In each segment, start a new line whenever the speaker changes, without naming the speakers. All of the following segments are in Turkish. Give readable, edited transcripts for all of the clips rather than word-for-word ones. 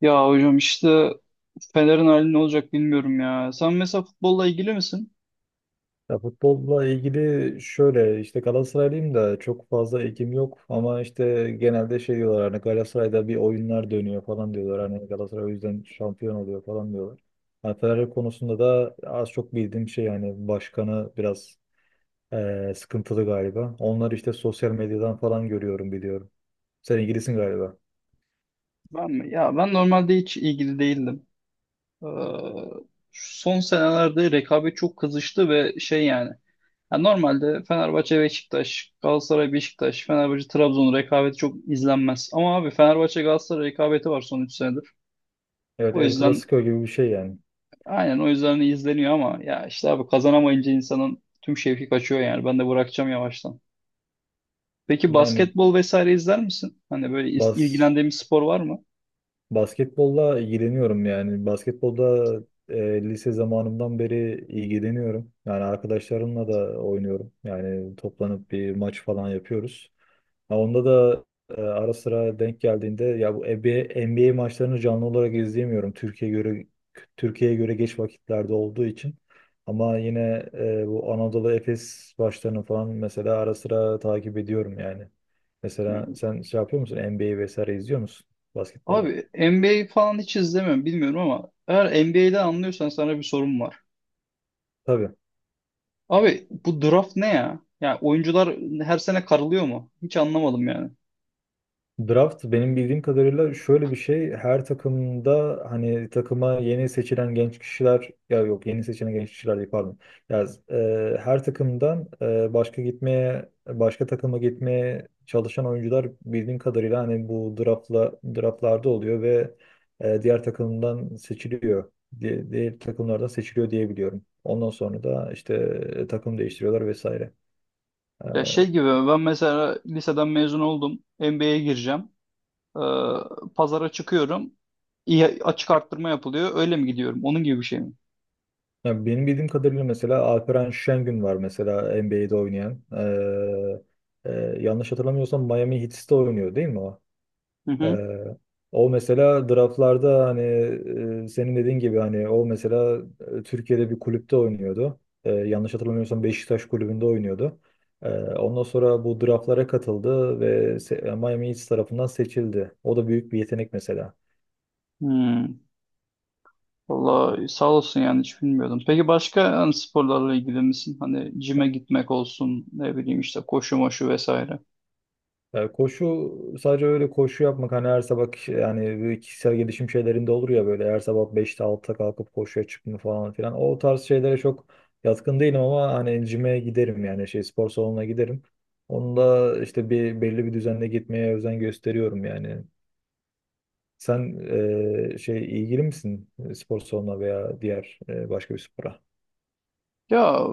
Ya hocam işte Fener'in hali ne olacak bilmiyorum ya. Sen mesela futbolla ilgili misin?
Ya, futbolla ilgili şöyle işte Galatasaraylıyım da çok fazla ilgim yok, ama işte genelde şey diyorlar, hani Galatasaray'da bir oyunlar dönüyor falan diyorlar, hani Galatasaray o yüzden şampiyon oluyor falan diyorlar. Hani Fenerbahçe konusunda da az çok bildiğim şey, yani başkanı biraz sıkıntılı galiba. Onları işte sosyal medyadan falan görüyorum, biliyorum. Sen ilgilisin galiba.
Ben mi? Ya ben normalde hiç ilgili değildim. Ee, Son senelerde rekabet çok kızıştı ve şey yani. Ya normalde Fenerbahçe Beşiktaş, Galatasaray Beşiktaş, Fenerbahçe Trabzon rekabeti çok izlenmez. Ama abi Fenerbahçe Galatasaray rekabeti var son 3 senedir.
Evet,
O
El
yüzden
Clasico gibi bir şey yani.
aynen o yüzden izleniyor ama ya işte abi kazanamayınca insanın tüm şevki kaçıyor yani. Ben de bırakacağım yavaştan. Peki
Yani
basketbol vesaire izler misin? Hani böyle
bas
ilgilendiğin bir spor var mı?
basketbolla ilgileniyorum yani. Basketbolda lise zamanımdan beri ilgileniyorum. Yani arkadaşlarımla da oynuyorum. Yani toplanıp bir maç falan yapıyoruz. Ha, onda da ara sıra denk geldiğinde, ya bu NBA maçlarını canlı olarak izleyemiyorum. Türkiye'ye göre geç vakitlerde olduğu için. Ama yine bu Anadolu Efes maçlarını falan mesela ara sıra takip ediyorum yani. Mesela sen şey yapıyor musun? NBA vesaire izliyor musun
Abi
basketbolda?
NBA falan hiç izlemiyorum bilmiyorum ama eğer NBA'de anlıyorsan sana bir sorum var.
Tabii.
Abi bu draft ne ya? Yani oyuncular her sene karılıyor mu? Hiç anlamadım yani.
Draft benim bildiğim kadarıyla şöyle bir şey: her takımda hani takıma yeni seçilen genç kişiler, ya yok, yeni seçilen genç kişiler değil, pardon. Ya, her takımdan başka takıma gitmeye çalışan oyuncular, bildiğim kadarıyla hani bu draftlarda oluyor ve diğer takımdan seçiliyor. Diğer takımlardan seçiliyor diye biliyorum. Ondan sonra da işte takım değiştiriyorlar vesaire.
Ya şey gibi ben mesela liseden mezun oldum. NBA'ye gireceğim. Ee, Pazara çıkıyorum. İyi, açık arttırma yapılıyor. Öyle mi gidiyorum? Onun gibi bir şey mi?
Ya benim bildiğim kadarıyla mesela Alperen Şengün var mesela NBA'de oynayan. Ee, e, Yanlış hatırlamıyorsam Miami Heat'te oynuyor değil mi o?
Hı hı.
Ee, O mesela draftlarda, hani senin dediğin gibi, hani o mesela Türkiye'de bir kulüpte oynuyordu. Yanlış hatırlamıyorsam Beşiktaş kulübünde oynuyordu. Ondan sonra bu draftlara katıldı ve Miami Heat tarafından seçildi. O da büyük bir yetenek mesela.
Hmm. Vallahi sağ olsun yani hiç bilmiyordum. Peki başka hani sporlarla ilgili misin? Hani cime gitmek olsun, ne bileyim işte koşu moşu vesaire.
Ya, koşu, sadece öyle koşu yapmak, hani her sabah yani böyle kişisel gelişim şeylerinde olur ya, böyle her sabah 5'te, 6'da kalkıp koşuya çıkma falan filan. O tarz şeylere çok yatkın değilim, ama hani cime giderim, yani şey, spor salonuna giderim. Onu da işte belli bir düzenle gitmeye özen gösteriyorum yani. Sen şey ilgili misin, spor salonuna veya diğer, başka bir spora?
Ya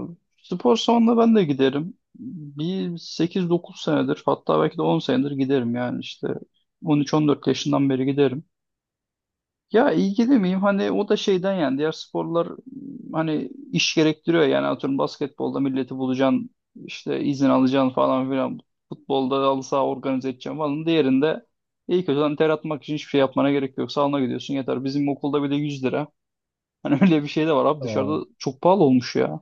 spor salonuna ben de giderim. Bir 8-9 senedir, hatta belki de 10 senedir giderim yani işte 13-14 yaşından beri giderim. Ya ilgili miyim? Hani o da şeyden yani diğer sporlar hani iş gerektiriyor yani, atıyorum basketbolda milleti bulacaksın, işte izin alacaksın falan filan, futbolda halı saha organize edeceksin falan, diğerinde iyi kötü hani ter atmak için hiçbir şey yapmana gerek yok, salona gidiyorsun yeter. Bizim okulda bile 100 lira, hani öyle bir şey de var. Abi
Tamam.
dışarıda çok pahalı olmuş ya,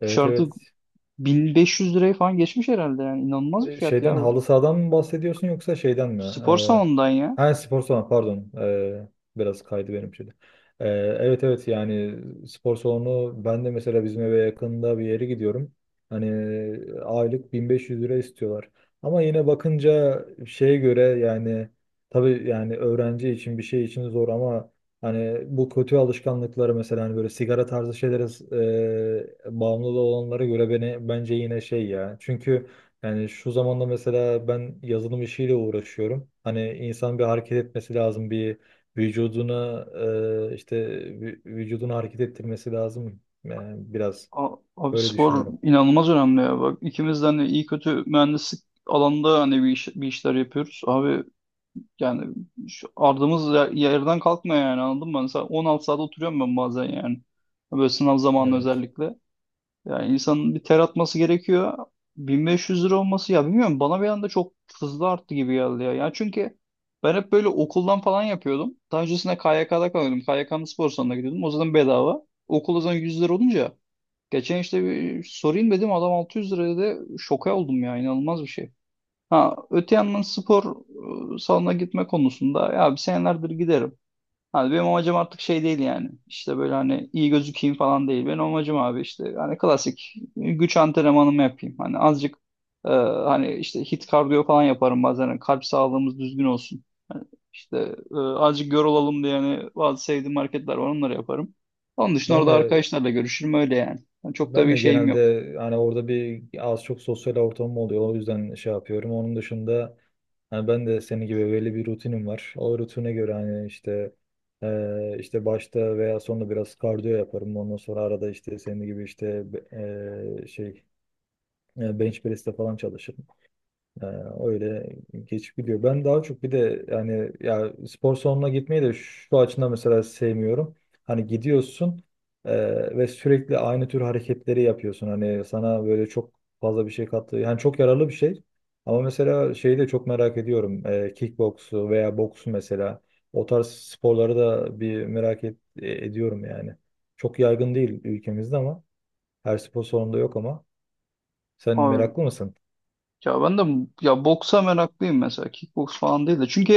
Evet,
dışarıda
evet.
1500 lirayı falan geçmiş herhalde, yani inanılmaz bir fiyat ya
Şeyden,
bu.
halı sahadan mı bahsediyorsun, yoksa şeyden mi?
Spor
E,
salonundan ya.
Ha, spor salonu, pardon. Biraz kaydı benim şimdi. Ee, evet, evet, yani spor salonu, ben de mesela bizim eve yakında bir yere gidiyorum. Hani aylık 1500 lira istiyorlar. Ama yine bakınca şeye göre yani, tabii yani öğrenci için, bir şey için zor, ama hani bu kötü alışkanlıkları, mesela hani böyle sigara tarzı şeylere bağımlı olanlara göre beni, bence yine şey ya. Çünkü yani şu zamanda mesela ben yazılım işiyle uğraşıyorum. Hani insan bir hareket etmesi lazım, bir vücuduna işte vücudunu hareket ettirmesi lazım. Yani biraz
Abi
böyle
spor
düşünüyorum.
inanılmaz önemli ya. Bak ikimiz de hani iyi kötü mühendislik alanında hani bir, bir işler yapıyoruz. Abi yani şu ardımız yerden kalkmıyor yani, anladın mı? Mesela 16 saat oturuyorum ben bazen yani. Böyle sınav zamanı
Evet.
özellikle. Yani insanın bir ter atması gerekiyor. 1.500 lira olması ya bilmiyorum, bana bir anda çok hızlı arttı gibi geldi ya. Yani çünkü ben hep böyle okuldan falan yapıyordum. Daha öncesinde KYK'da kalıyordum. KYK'nın spor salonuna gidiyordum. O zaman bedava. Okul o zaman 100 lira olunca, geçen işte bir sorayım dedim, adam 600 liraya, da şoka oldum ya, inanılmaz bir şey. Ha öte yandan spor salonuna gitme konusunda ya bir senelerdir giderim. Hani benim amacım artık şey değil yani. İşte böyle hani iyi gözükeyim falan değil. Benim amacım abi işte hani klasik güç antrenmanımı yapayım. Hani azıcık e, hani işte hit kardiyo falan yaparım bazen. Hani kalp sağlığımız düzgün olsun. Hani işte azıcık yorulalım diye hani bazı sevdiğim hareketler var, onları yaparım. Onun dışında
Ben
orada
de
arkadaşlarla görüşürüm, öyle yani. Yani çok da
Ben
bir
de
şeyim yok.
genelde hani orada bir az çok sosyal ortamım oluyor. O yüzden şey yapıyorum. Onun dışında hani ben de senin gibi belli bir rutinim var. O rutine göre hani işte işte başta veya sonunda biraz kardiyo yaparım. Ondan sonra arada işte senin gibi işte şey bench press'te falan çalışırım. Ee, Öyle geçip gidiyor. Ben daha çok bir de, yani ya, spor salonuna gitmeyi de şu açıdan mesela sevmiyorum: hani gidiyorsun ve sürekli aynı tür hareketleri yapıyorsun. Hani sana böyle çok fazla bir şey kattı. Yani çok yararlı bir şey. Ama mesela şeyi de çok merak ediyorum. Kickboksu veya boksu mesela. O tarz sporları da bir merak ediyorum yani. Çok yaygın değil ülkemizde, ama her spor salonunda yok ama. Sen
Abi
meraklı mısın?
ya ben de ya boksa meraklıyım mesela. Kickboks falan değil de. Çünkü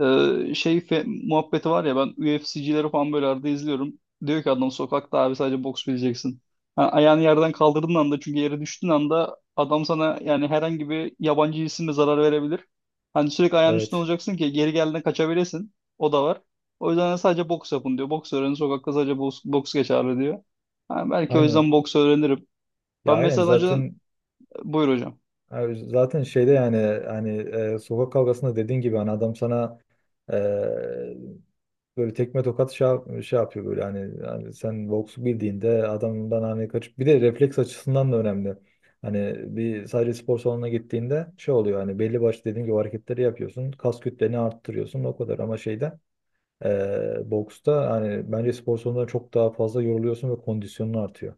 Muhabbeti var ya, ben UFC'cileri falan böyle arada izliyorum. Diyor ki adam, sokakta abi sadece boks bileceksin. Ha, ayağını yerden kaldırdığın anda, çünkü yere düştüğün anda adam sana yani herhangi bir yabancı cisimle zarar verebilir. Hani sürekli ayağının üstünde
Evet.
olacaksın ki geri geldiğinde kaçabilesin. O da var. O yüzden sadece boks yapın diyor. Boks öğrenin, sokakta sadece boks, boks geçerli diyor. Ha, belki o
Aynen.
yüzden boks öğrenirim.
Ya
Ben
aynen,
mesela önceden,
zaten
buyur hocam.
zaten şeyde yani, hani sokak kavgasında dediğin gibi, hani adam sana e, böyle tekme tokat şey, şey yapıyor böyle, hani sen boksu bildiğinde adamdan hani kaçıp, bir de refleks açısından da önemli. Hani bir sadece spor salonuna gittiğinde şey oluyor, hani belli başlı dediğim gibi hareketleri yapıyorsun, kas kütleni arttırıyorsun o kadar, ama şeyde boksta hani bence spor salonunda çok daha fazla yoruluyorsun ve kondisyonun artıyor.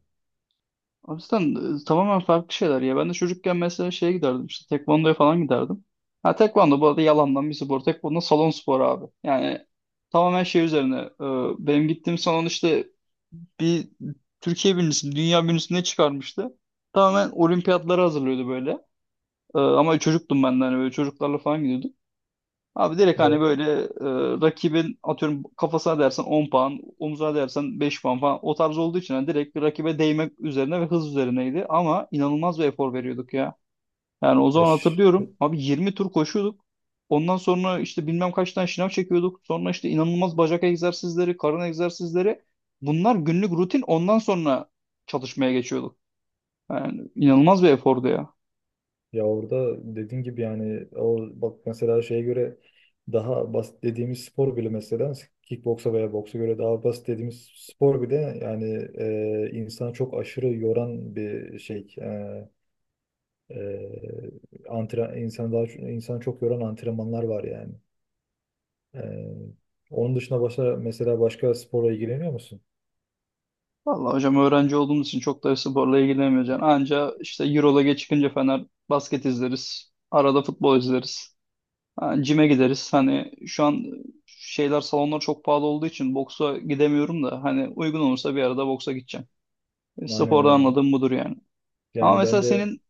Aslan tamamen farklı şeyler ya. Ben de çocukken mesela şeye giderdim, işte tekvandoya falan giderdim. Ha tekvando bu arada yalandan bir spor. Tekvando salon sporu abi. Yani tamamen şey üzerine. Benim gittiğim salon işte bir Türkiye birincisini, dünya birincisini ne çıkarmıştı. Tamamen olimpiyatlara hazırlıyordu böyle. Ama çocuktum ben de, hani böyle çocuklarla falan gidiyorduk. Abi direkt hani
Evet.
böyle rakibin atıyorum kafasına dersen 10 puan, omuzuna dersen 5 puan falan, o tarz olduğu için hani direkt rakibe değmek üzerine ve hız üzerineydi. Ama inanılmaz bir efor veriyorduk ya. Yani o zaman
Eş.
hatırlıyorum abi 20 tur koşuyorduk. Ondan sonra işte bilmem kaç tane şınav çekiyorduk. Sonra işte inanılmaz bacak egzersizleri, karın egzersizleri. Bunlar günlük rutin, ondan sonra çalışmaya geçiyorduk. Yani inanılmaz bir efordu ya.
Ya orada dediğin gibi yani, o bak mesela şeye göre daha basit dediğimiz spor bile, mesela kickboksa veya boksa göre daha basit dediğimiz spor bile, yani insanı çok aşırı yoran bir şey. İnsan daha, insan çok yoran antrenmanlar var yani. E, Onun dışında başka, mesela başka sporla ilgileniyor musun?
Vallahi hocam, öğrenci olduğumuz için çok da sporla ilgilenmeyeceksin. Anca işte Euroleague'e çıkınca Fener basket izleriz. Arada futbol izleriz. Ha, cime gideriz. Hani şu an şeyler, salonlar çok pahalı olduğu için boksa gidemiyorum da, hani uygun olursa bir arada boksa gideceğim. E,
Aynen,
sporda
aynen.
anladığım budur yani. Ama
Yani ben
mesela
de,
senin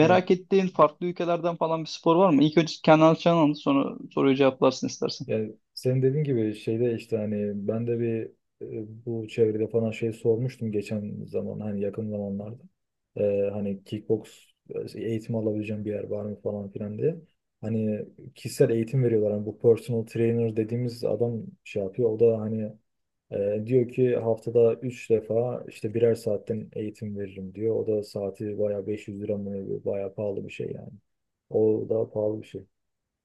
hani
ettiğin farklı ülkelerden falan bir spor var mı? İlk önce kendi alacağını anlat, sonra soruyu cevaplarsın istersen.
Senin dediğin gibi şeyde işte, hani ben de bir bu çevrede falan şey sormuştum geçen zaman, hani yakın zamanlarda. Hani kickbox eğitimi alabileceğim bir yer var mı falan filan diye. Hani kişisel eğitim veriyorlar. Hani bu personal trainer dediğimiz adam şey yapıyor. O da hani diyor ki haftada 3 defa işte birer saatten eğitim veririm diyor. O da saati bayağı 500 lira mı ne, bayağı pahalı bir şey yani. O da pahalı bir şey.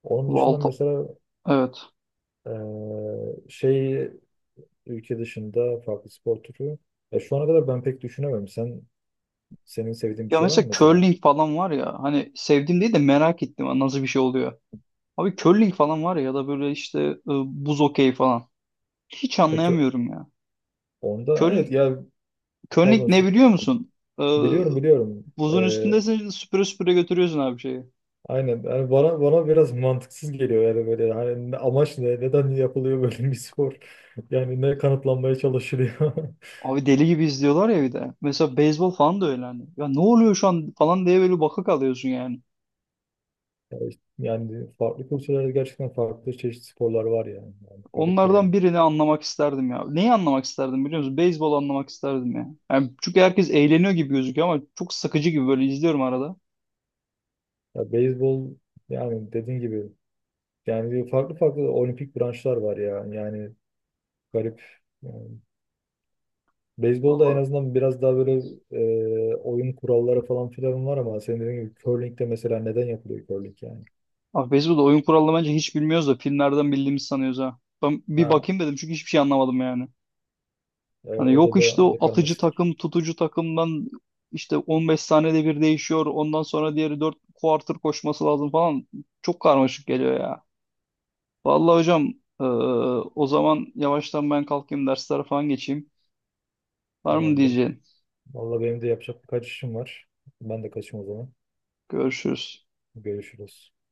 Onun
Bu
dışında
altı.
mesela
Evet.
ee, şey, ülke dışında farklı spor türü. Ya şu ana kadar ben pek düşünemedim. Senin sevdiğin bir
Ya
şey var mı
mesela
mesela?
curling falan var ya, hani sevdiğim değil de merak ettim nasıl bir şey oluyor. Abi curling falan var ya, ya da böyle işte buz okey falan. Hiç
Peki,
anlayamıyorum ya.
onda evet
Curling,
ya,
curling
pardon,
ne biliyor musun? E,
biliyorum, biliyorum.
Buzun üstündesin, süpüre süpüre götürüyorsun abi şeyi.
Aynen yani, bana biraz mantıksız geliyor yani, böyle hani amaç ne, neden yapılıyor böyle bir spor yani, ne kanıtlanmaya çalışılıyor?
Abi deli gibi izliyorlar ya bir de. Mesela beyzbol falan da öyle hani. Ya ne oluyor şu an falan diye böyle baka kalıyorsun yani.
Ya işte yani farklı kültürlerde gerçekten farklı çeşitli sporlar var yani garip yani,
Onlardan birini anlamak isterdim ya. Neyi anlamak isterdim biliyor musun? Beyzbol anlamak isterdim ya. Yani çünkü herkes eğleniyor gibi gözüküyor ama çok sıkıcı gibi, böyle izliyorum arada.
ya beyzbol, yani dediğin gibi, yani farklı farklı olimpik branşlar var ya. Yani garip. Yani beyzbolda en
Vallahi,
azından biraz daha böyle oyun kuralları falan filan var, ama senin dediğin gibi curling'de mesela, neden yapılıyor curling yani?
abi beyzbolda oyun kuralını bence hiç bilmiyoruz da filmlerden bildiğimizi sanıyoruz ha. Ben bir
Ha,
bakayım dedim çünkü hiçbir şey anlamadım yani. Hani
o da
yok işte
o
o
da
atıcı
karmaşık.
takım, tutucu takımdan işte 15 saniyede bir değişiyor. Ondan sonra diğeri 4 quarter koşması lazım falan. Çok karmaşık geliyor ya. Vallahi hocam, eee, o zaman yavaştan ben kalkayım, derslere falan geçeyim. Var mı
Tamamdır.
diyeceğin?
Vallahi benim de yapacak birkaç işim var. Ben de kaçayım o zaman.
Görüşürüz.
Görüşürüz.